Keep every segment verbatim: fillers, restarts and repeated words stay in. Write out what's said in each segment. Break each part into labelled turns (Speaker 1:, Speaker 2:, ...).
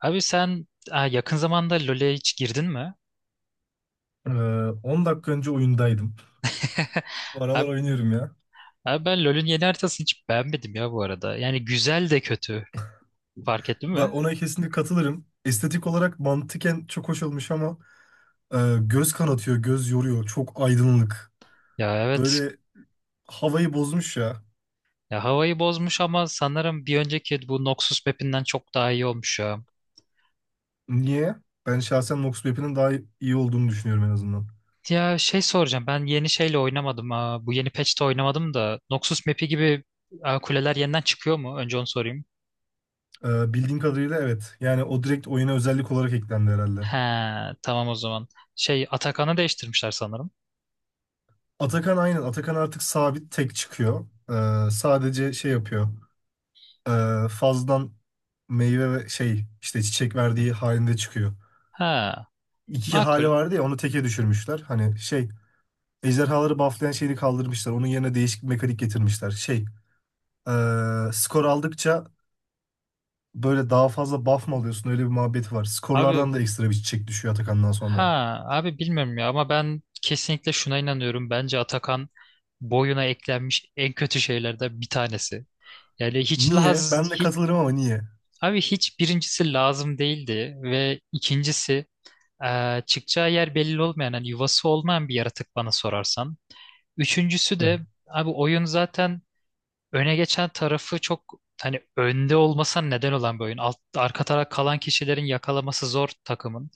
Speaker 1: Abi sen aa, yakın zamanda LoL'e hiç girdin mi?
Speaker 2: Ee, on dakika önce oyundaydım. Bu aralar
Speaker 1: Abi,
Speaker 2: oynuyorum ya.
Speaker 1: abi ben LoL'ün yeni haritasını hiç beğenmedim ya bu arada. Yani güzel de kötü. Fark ettin mi?
Speaker 2: Bak ona kesinlikle katılırım. Estetik olarak mantıken çok hoş olmuş ama e, göz kanatıyor, göz yoruyor. Çok aydınlık.
Speaker 1: Ya evet.
Speaker 2: Böyle havayı bozmuş ya.
Speaker 1: Ya havayı bozmuş ama sanırım bir önceki bu Noxus map'inden çok daha iyi olmuş ya.
Speaker 2: Niye? Ben şahsen Nox Map'inin daha iyi olduğunu düşünüyorum en azından.
Speaker 1: Ya şey soracağım. Ben yeni şeyle oynamadım. Aa, bu yeni patch'te oynamadım da Noxus map'i gibi aa, kuleler yeniden çıkıyor mu? Önce onu sorayım.
Speaker 2: Ee, bildiğim kadarıyla evet. Yani o direkt oyuna özellik olarak eklendi herhalde.
Speaker 1: He, tamam o zaman. Şey Atakan'ı değiştirmişler sanırım.
Speaker 2: Atakan aynen. Atakan artık sabit tek çıkıyor. Ee, sadece şey yapıyor. Ee, fazladan meyve ve şey işte çiçek verdiği halinde çıkıyor.
Speaker 1: Ha,
Speaker 2: İki hali
Speaker 1: makul.
Speaker 2: vardı ya, onu teke düşürmüşler. Hani şey, ejderhaları bufflayan şeyini kaldırmışlar. Onun yerine değişik bir mekanik getirmişler. Şey, eee, skor aldıkça böyle daha fazla buff mı alıyorsun? Öyle bir muhabbeti var.
Speaker 1: Abi
Speaker 2: Skorlardan da ekstra bir çiçek düşüyor Atakan'dan sonra.
Speaker 1: Ha abi bilmiyorum ya ama ben kesinlikle şuna inanıyorum. Bence Atakan boyuna eklenmiş en kötü şeylerden bir tanesi. Yani hiç
Speaker 2: Niye?
Speaker 1: laz
Speaker 2: Ben de
Speaker 1: hiç,
Speaker 2: katılırım ama niye?
Speaker 1: abi hiç birincisi lazım değildi ve ikincisi eee, çıkacağı yer belli olmayan hani yuvası olmayan bir yaratık bana sorarsan. Üçüncüsü
Speaker 2: Hı,
Speaker 1: de abi oyun zaten öne geçen tarafı çok hani önde olmasa neden olan bir oyun. Alt, arka taraf kalan kişilerin yakalaması zor takımın.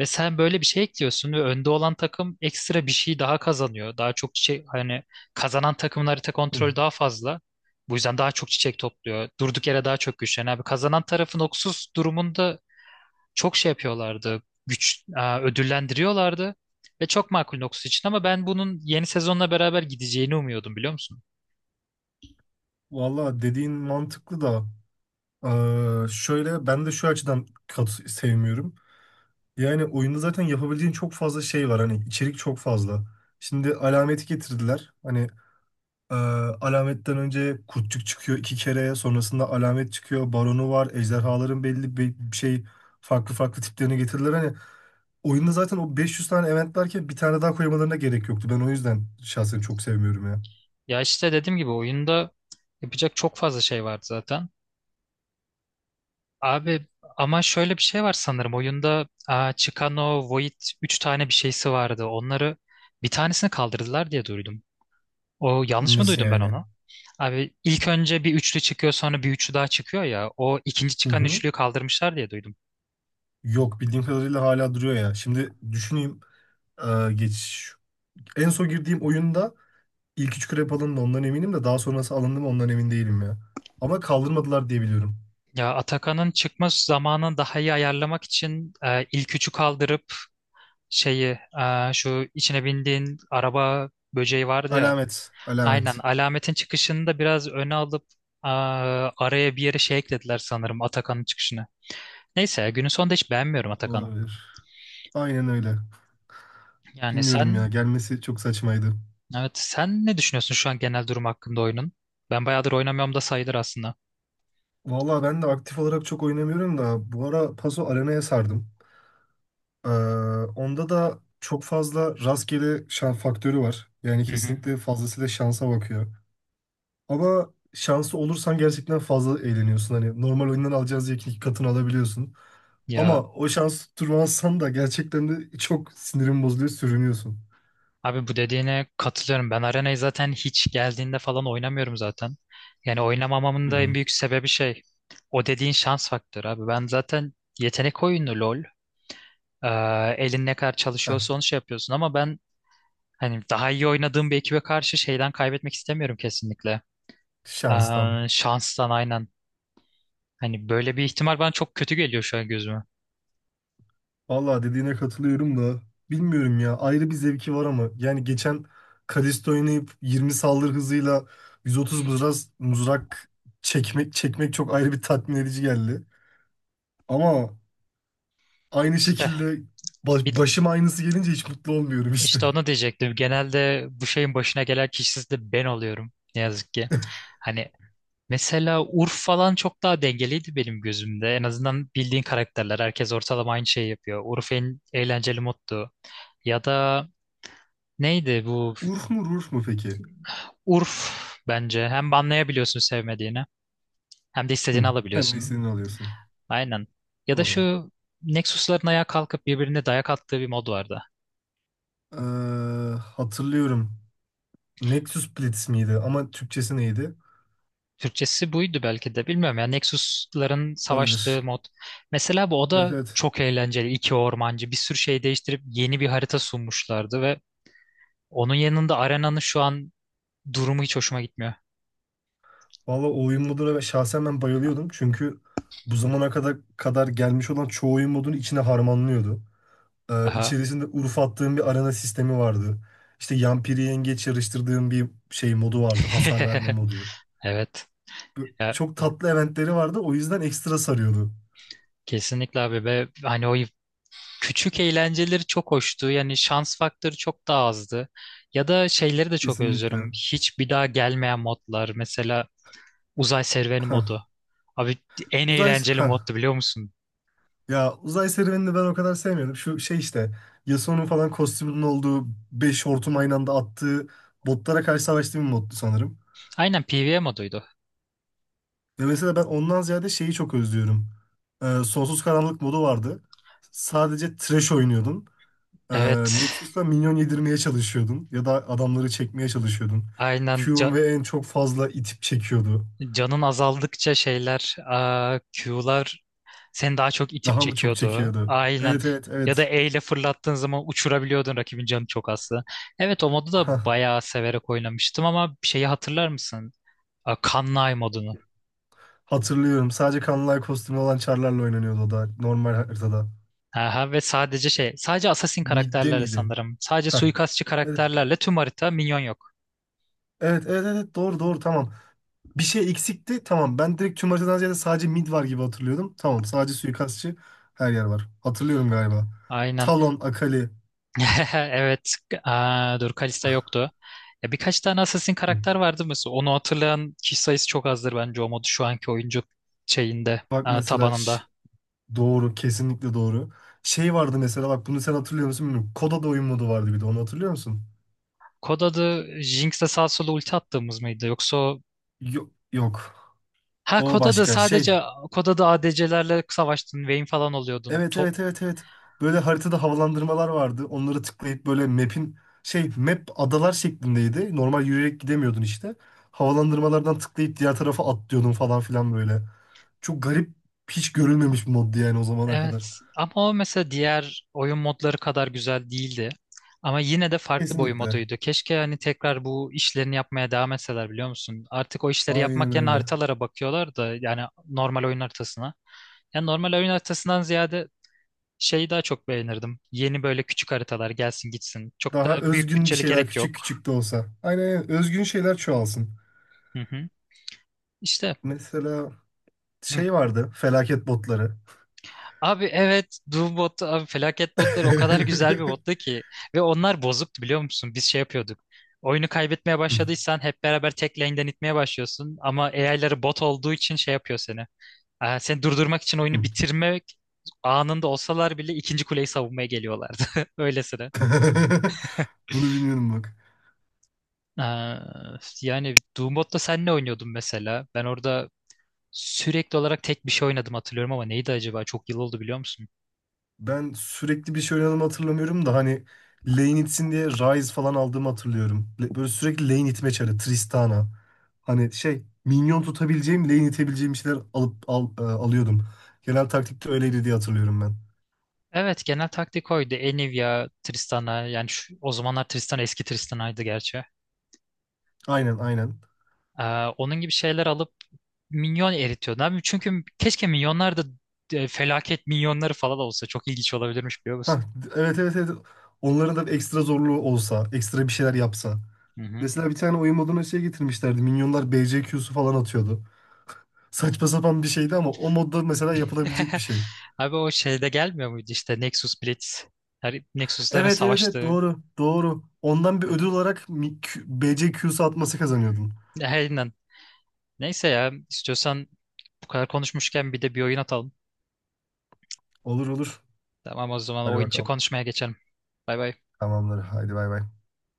Speaker 1: Ve sen böyle bir şey ekliyorsun ve önde olan takım ekstra bir şey daha kazanıyor. Daha çok şey hani kazanan takımın harita
Speaker 2: hı.
Speaker 1: kontrolü daha fazla. Bu yüzden daha çok çiçek topluyor. Durduk yere daha çok güçleniyor. Abi kazanan tarafın oksuz durumunda çok şey yapıyorlardı. Güç e, ödüllendiriyorlardı. Ve çok makul Noxus için ama ben bunun yeni sezonla beraber gideceğini umuyordum biliyor musun?
Speaker 2: Valla dediğin mantıklı da eee, şöyle ben de şu açıdan kat sevmiyorum. Yani oyunda zaten yapabileceğin çok fazla şey var. Hani içerik çok fazla. Şimdi alameti getirdiler. Hani, Ee, alametten önce kurtçuk çıkıyor iki kere. Sonrasında alamet çıkıyor. Baronu var. Ejderhaların belli bir bir şey, farklı farklı tiplerini getirdiler. Hani oyunda zaten o beş yüz tane eventlerken bir tane daha koymalarına gerek yoktu. Ben o yüzden şahsen çok sevmiyorum ya.
Speaker 1: Ya işte dediğim gibi oyunda yapacak çok fazla şey vardı zaten. Abi ama şöyle bir şey var sanırım oyunda aa, Chicano, Void üç tane bir şeysi vardı. Onları bir tanesini kaldırdılar diye duydum. O yanlış mı
Speaker 2: Nasıl
Speaker 1: duydum ben
Speaker 2: yani?
Speaker 1: onu? Abi ilk önce bir üçlü çıkıyor sonra bir üçlü daha çıkıyor ya. O ikinci
Speaker 2: Hı
Speaker 1: çıkan
Speaker 2: hı.
Speaker 1: üçlüyü kaldırmışlar diye duydum.
Speaker 2: Yok, bildiğim kadarıyla hala duruyor ya. Şimdi düşüneyim. Ee, geç. En son girdiğim oyunda ilk üç krep alındı, ondan eminim de daha sonrası alındı mı ondan emin değilim ya. Ama kaldırmadılar diye biliyorum.
Speaker 1: Ya Atakan'ın çıkma zamanını daha iyi ayarlamak için e, ilk üçü kaldırıp şeyi e, şu içine bindiğin araba böceği vardı ya.
Speaker 2: Alamet.
Speaker 1: Aynen
Speaker 2: Alamet.
Speaker 1: alametin çıkışını da biraz öne alıp e, araya bir yere şey eklediler sanırım Atakan'ın çıkışını. Neyse günün sonunda hiç beğenmiyorum Atakan'ı.
Speaker 2: Olabilir. Aynen öyle.
Speaker 1: Yani
Speaker 2: Bilmiyorum ya,
Speaker 1: sen
Speaker 2: gelmesi çok saçmaydı.
Speaker 1: evet sen ne düşünüyorsun şu an genel durum hakkında oyunun? Ben bayağıdır oynamıyorum da sayılır aslında.
Speaker 2: Vallahi ben de aktif olarak çok oynamıyorum da bu ara Paso Arena'ya sardım. Ee, Onda da çok fazla rastgele şans faktörü var. Yani
Speaker 1: Hı hı.
Speaker 2: kesinlikle fazlasıyla şansa bakıyor. Ama şansı olursan gerçekten fazla eğleniyorsun. Hani normal oyundan alacağız diye iki katını alabiliyorsun. Ama
Speaker 1: Ya
Speaker 2: o şans tutturmazsan da gerçekten de çok sinirin bozuluyor, sürünüyorsun.
Speaker 1: Abi bu dediğine katılıyorum. Ben Arena'yı zaten hiç geldiğinde falan oynamıyorum zaten. Yani oynamamamın
Speaker 2: Hı
Speaker 1: da en
Speaker 2: hı.
Speaker 1: büyük sebebi şey. O dediğin şans faktörü abi. Ben zaten yetenek oyunu LoL. Ee, Elin ne kadar
Speaker 2: Heh,
Speaker 1: çalışıyorsa onu şey yapıyorsun ama ben hani daha iyi oynadığım bir ekibe karşı şeyden kaybetmek istemiyorum kesinlikle.
Speaker 2: şanstan.
Speaker 1: Ee, şanstan aynen. Hani böyle bir ihtimal bana çok kötü geliyor şu an gözüme.
Speaker 2: Vallahi dediğine katılıyorum da bilmiyorum ya, ayrı bir zevki var ama yani geçen Kalisto oynayıp yirmi saldırı hızıyla yüz otuz mızrak, mızrak çekmek çekmek çok ayrı bir tatmin edici geldi. Ama aynı
Speaker 1: İşte
Speaker 2: şekilde baş-
Speaker 1: bir,
Speaker 2: başım aynısı gelince hiç mutlu olmuyorum işte.
Speaker 1: işte onu diyecektim. Genelde bu şeyin başına gelen kişisi de ben oluyorum. Ne yazık ki. Hani mesela Urf falan çok daha dengeliydi benim gözümde. En azından bildiğin karakterler. Herkes ortalama aynı şeyi yapıyor. Urf en eğlenceli moddu. Ya da neydi bu?
Speaker 2: Urf mu Rurf mu peki?
Speaker 1: Urf bence. Hem banlayabiliyorsun sevmediğini hem de
Speaker 2: Hı.
Speaker 1: istediğini
Speaker 2: Hem de
Speaker 1: alabiliyorsun.
Speaker 2: istediğini alıyorsun.
Speaker 1: Aynen. Ya da
Speaker 2: Doğru.
Speaker 1: şu Nexus'ların ayağa kalkıp birbirine dayak attığı bir mod vardı.
Speaker 2: Ee, Hatırlıyorum. Nexus Blitz miydi? Ama Türkçesi neydi?
Speaker 1: Türkçesi buydu belki de bilmiyorum ya Nexus'ların savaştığı
Speaker 2: Olabilir.
Speaker 1: mod. Mesela bu o
Speaker 2: Evet
Speaker 1: da
Speaker 2: evet.
Speaker 1: çok eğlenceli. İki ormancı bir sürü şey değiştirip yeni bir harita sunmuşlardı ve onun yanında Arena'nın şu an durumu hiç hoşuma gitmiyor.
Speaker 2: Valla o oyun moduna ben- şahsen ben bayılıyordum. Çünkü bu zamana kadar kadar gelmiş olan çoğu oyun modunu içine harmanlıyordu. Ee,
Speaker 1: Aha.
Speaker 2: içerisinde Urf attığım bir arena sistemi vardı. İşte Yampiri yengeç yarıştırdığım bir şey modu vardı. Hasar verme modu.
Speaker 1: Evet. Ya,
Speaker 2: Çok tatlı eventleri vardı. O yüzden ekstra sarıyordu.
Speaker 1: kesinlikle abi ve hani o küçük eğlenceleri çok hoştu. Yani şans faktörü çok daha azdı. Ya da şeyleri de çok özlüyorum.
Speaker 2: Kesinlikle.
Speaker 1: Hiç bir daha gelmeyen modlar. Mesela uzay serüveni modu.
Speaker 2: Hah.
Speaker 1: Abi en
Speaker 2: Uzay...
Speaker 1: eğlenceli
Speaker 2: Hah.
Speaker 1: moddu biliyor musun?
Speaker 2: Ya uzay serüvenini ben o kadar sevmiyorum. Şu şey işte, Yasuo'nun falan kostümünün olduğu beş hortum aynı anda attığı botlara karşı savaştığı bir moddu sanırım.
Speaker 1: Aynen PvE moduydu.
Speaker 2: Ya mesela ben ondan ziyade şeyi çok özlüyorum. Ee, Sonsuz Karanlık modu vardı. Sadece trash oynuyordun. Ee,
Speaker 1: Evet.
Speaker 2: Nexus'ta minyon yedirmeye çalışıyordun. Ya da adamları çekmeye çalışıyordun.
Speaker 1: Aynen
Speaker 2: Q'un
Speaker 1: Ca-
Speaker 2: ve en çok fazla itip çekiyordu.
Speaker 1: Canın azaldıkça şeyler, aa, Q'lar seni daha çok itip
Speaker 2: Daha mı çok
Speaker 1: çekiyordu.
Speaker 2: çekiyordu?
Speaker 1: Aynen.
Speaker 2: Evet evet
Speaker 1: Ya da
Speaker 2: evet.
Speaker 1: E ile fırlattığın zaman uçurabiliyordun rakibin canı çok azdı. Evet o modu
Speaker 2: Hah,
Speaker 1: da bayağı severek oynamıştım ama şeyi hatırlar mısın? A, Kanlay modunu.
Speaker 2: hatırlıyorum. Sadece kanlay kostümü olan Char'larla oynanıyordu, o da normal haritada.
Speaker 1: Aha, ve sadece şey, sadece assassin
Speaker 2: Midde
Speaker 1: karakterlerle
Speaker 2: miydi?
Speaker 1: sanırım. Sadece
Speaker 2: Ha.
Speaker 1: suikastçı
Speaker 2: Evet,
Speaker 1: karakterlerle tüm harita minyon yok.
Speaker 2: evet, evet, evet, doğru, doğru, tamam. Bir şey eksikti, tamam. Ben direkt tüm haritadan ziyade sadece mid var gibi hatırlıyordum. Tamam, sadece suikastçı, her yer var. Hatırlıyorum galiba.
Speaker 1: Aynen.
Speaker 2: Talon, Akali.
Speaker 1: Evet. Aa, dur Kalista yoktu. Ya birkaç tane assassin
Speaker 2: Hı.
Speaker 1: karakter vardı mesela. Onu hatırlayan kişi sayısı çok azdır bence o modu şu anki oyuncu şeyinde,
Speaker 2: Bak
Speaker 1: aa,
Speaker 2: mesela ş-
Speaker 1: tabanında.
Speaker 2: doğru, kesinlikle doğru. Şey vardı mesela, bak bunu sen hatırlıyor musun bilmiyorum. Koda da oyun modu vardı bir de, onu hatırlıyor musun?
Speaker 1: Kod adı Jinx'le sağ sola ulti attığımız mıydı? Yoksa o...
Speaker 2: Yok, yok.
Speaker 1: Ha
Speaker 2: O
Speaker 1: kod adı
Speaker 2: başka şey.
Speaker 1: sadece kod adı A D C'lerle savaştın. Vayne falan oluyordun.
Speaker 2: Evet
Speaker 1: To-
Speaker 2: evet evet evet. Böyle haritada havalandırmalar vardı. Onları tıklayıp böyle map'in, şey map adalar şeklindeydi. Normal yürüyerek gidemiyordun işte. Havalandırmalardan tıklayıp diğer tarafa atlıyordun falan filan böyle. Çok garip, hiç görülmemiş bir moddu yani o zamana kadar.
Speaker 1: evet ama o mesela diğer oyun modları kadar güzel değildi. Ama yine de farklı bir oyun
Speaker 2: Kesinlikle.
Speaker 1: moduydu. Keşke hani tekrar bu işlerini yapmaya devam etseler biliyor musun? Artık o işleri
Speaker 2: Aynen
Speaker 1: yapmak yerine
Speaker 2: öyle.
Speaker 1: haritalara bakıyorlar da yani normal oyun haritasına. Yani normal oyun haritasından ziyade şeyi daha çok beğenirdim. Yeni böyle küçük haritalar gelsin gitsin. Çok da
Speaker 2: Daha
Speaker 1: büyük
Speaker 2: özgün bir
Speaker 1: bütçeli
Speaker 2: şeyler,
Speaker 1: gerek
Speaker 2: küçük
Speaker 1: yok.
Speaker 2: küçük de olsa. Aynen aynen. Özgün şeyler çoğalsın.
Speaker 1: Hı hı. İşte
Speaker 2: Mesela
Speaker 1: Hı.
Speaker 2: şey vardı, felaket botları.
Speaker 1: Abi evet Doom botu abi felaket botları o kadar güzel bir bottu ki ve onlar bozuktu biliyor musun? Biz şey yapıyorduk. Oyunu kaybetmeye
Speaker 2: Hı,
Speaker 1: başladıysan hep beraber tek lane'den itmeye başlıyorsun ama A I'ları bot olduğu için şey yapıyor seni. Ee, seni durdurmak için
Speaker 2: hı.
Speaker 1: oyunu bitirmek anında olsalar bile ikinci kuleyi savunmaya geliyorlardı. Öylesine.
Speaker 2: Bunu bilmiyorum bak.
Speaker 1: Ee, Yani Doom botla sen ne oynuyordun mesela? Ben orada sürekli olarak tek bir şey oynadım hatırlıyorum ama neydi acaba? Çok yıl oldu biliyor musun?
Speaker 2: Ben sürekli bir şey oynadığımı hatırlamıyorum da hani lane itsin diye Ryze falan aldığımı hatırlıyorum. Le- Böyle sürekli lane itme çarı, Tristana. Hani şey, minyon tutabileceğim, lane itebileceğim şeyler alıp al, e, alıyordum. Genel taktikte öyleydi diye hatırlıyorum ben.
Speaker 1: Evet genel taktik oydu. Enivia, Tristana yani şu, o zamanlar Tristana eski Tristana'ydı gerçi.
Speaker 2: Aynen aynen.
Speaker 1: Ee, Onun gibi şeyler alıp minyon eritiyordu. Abi çünkü keşke minyonlar da e, felaket minyonları falan olsa çok ilginç olabilirmiş biliyor musun?
Speaker 2: Hah, evet evet evet. Onların da ekstra zorluğu olsa, ekstra bir şeyler yapsa.
Speaker 1: Hı hı.
Speaker 2: Mesela bir tane oyun moduna şey getirmişlerdi. Minyonlar B C Q'su falan atıyordu. Saçma sapan bir şeydi ama o modda mesela yapılabilecek bir şey.
Speaker 1: Abi o şeyde gelmiyor muydu işte Nexus Blitz. Her Nexus'ların
Speaker 2: Evet evet evet,
Speaker 1: savaştığı.
Speaker 2: doğru doğru. Ondan bir ödül olarak mi- Q- B C Q'su atması kazanıyordun.
Speaker 1: Aynen. Neyse ya istiyorsan bu kadar konuşmuşken bir de bir oyun atalım.
Speaker 2: Olur olur.
Speaker 1: Tamam o zaman
Speaker 2: Hadi
Speaker 1: oyun içi
Speaker 2: bakalım.
Speaker 1: konuşmaya geçelim. Bay bay.
Speaker 2: Tamamdır. Haydi bay bay.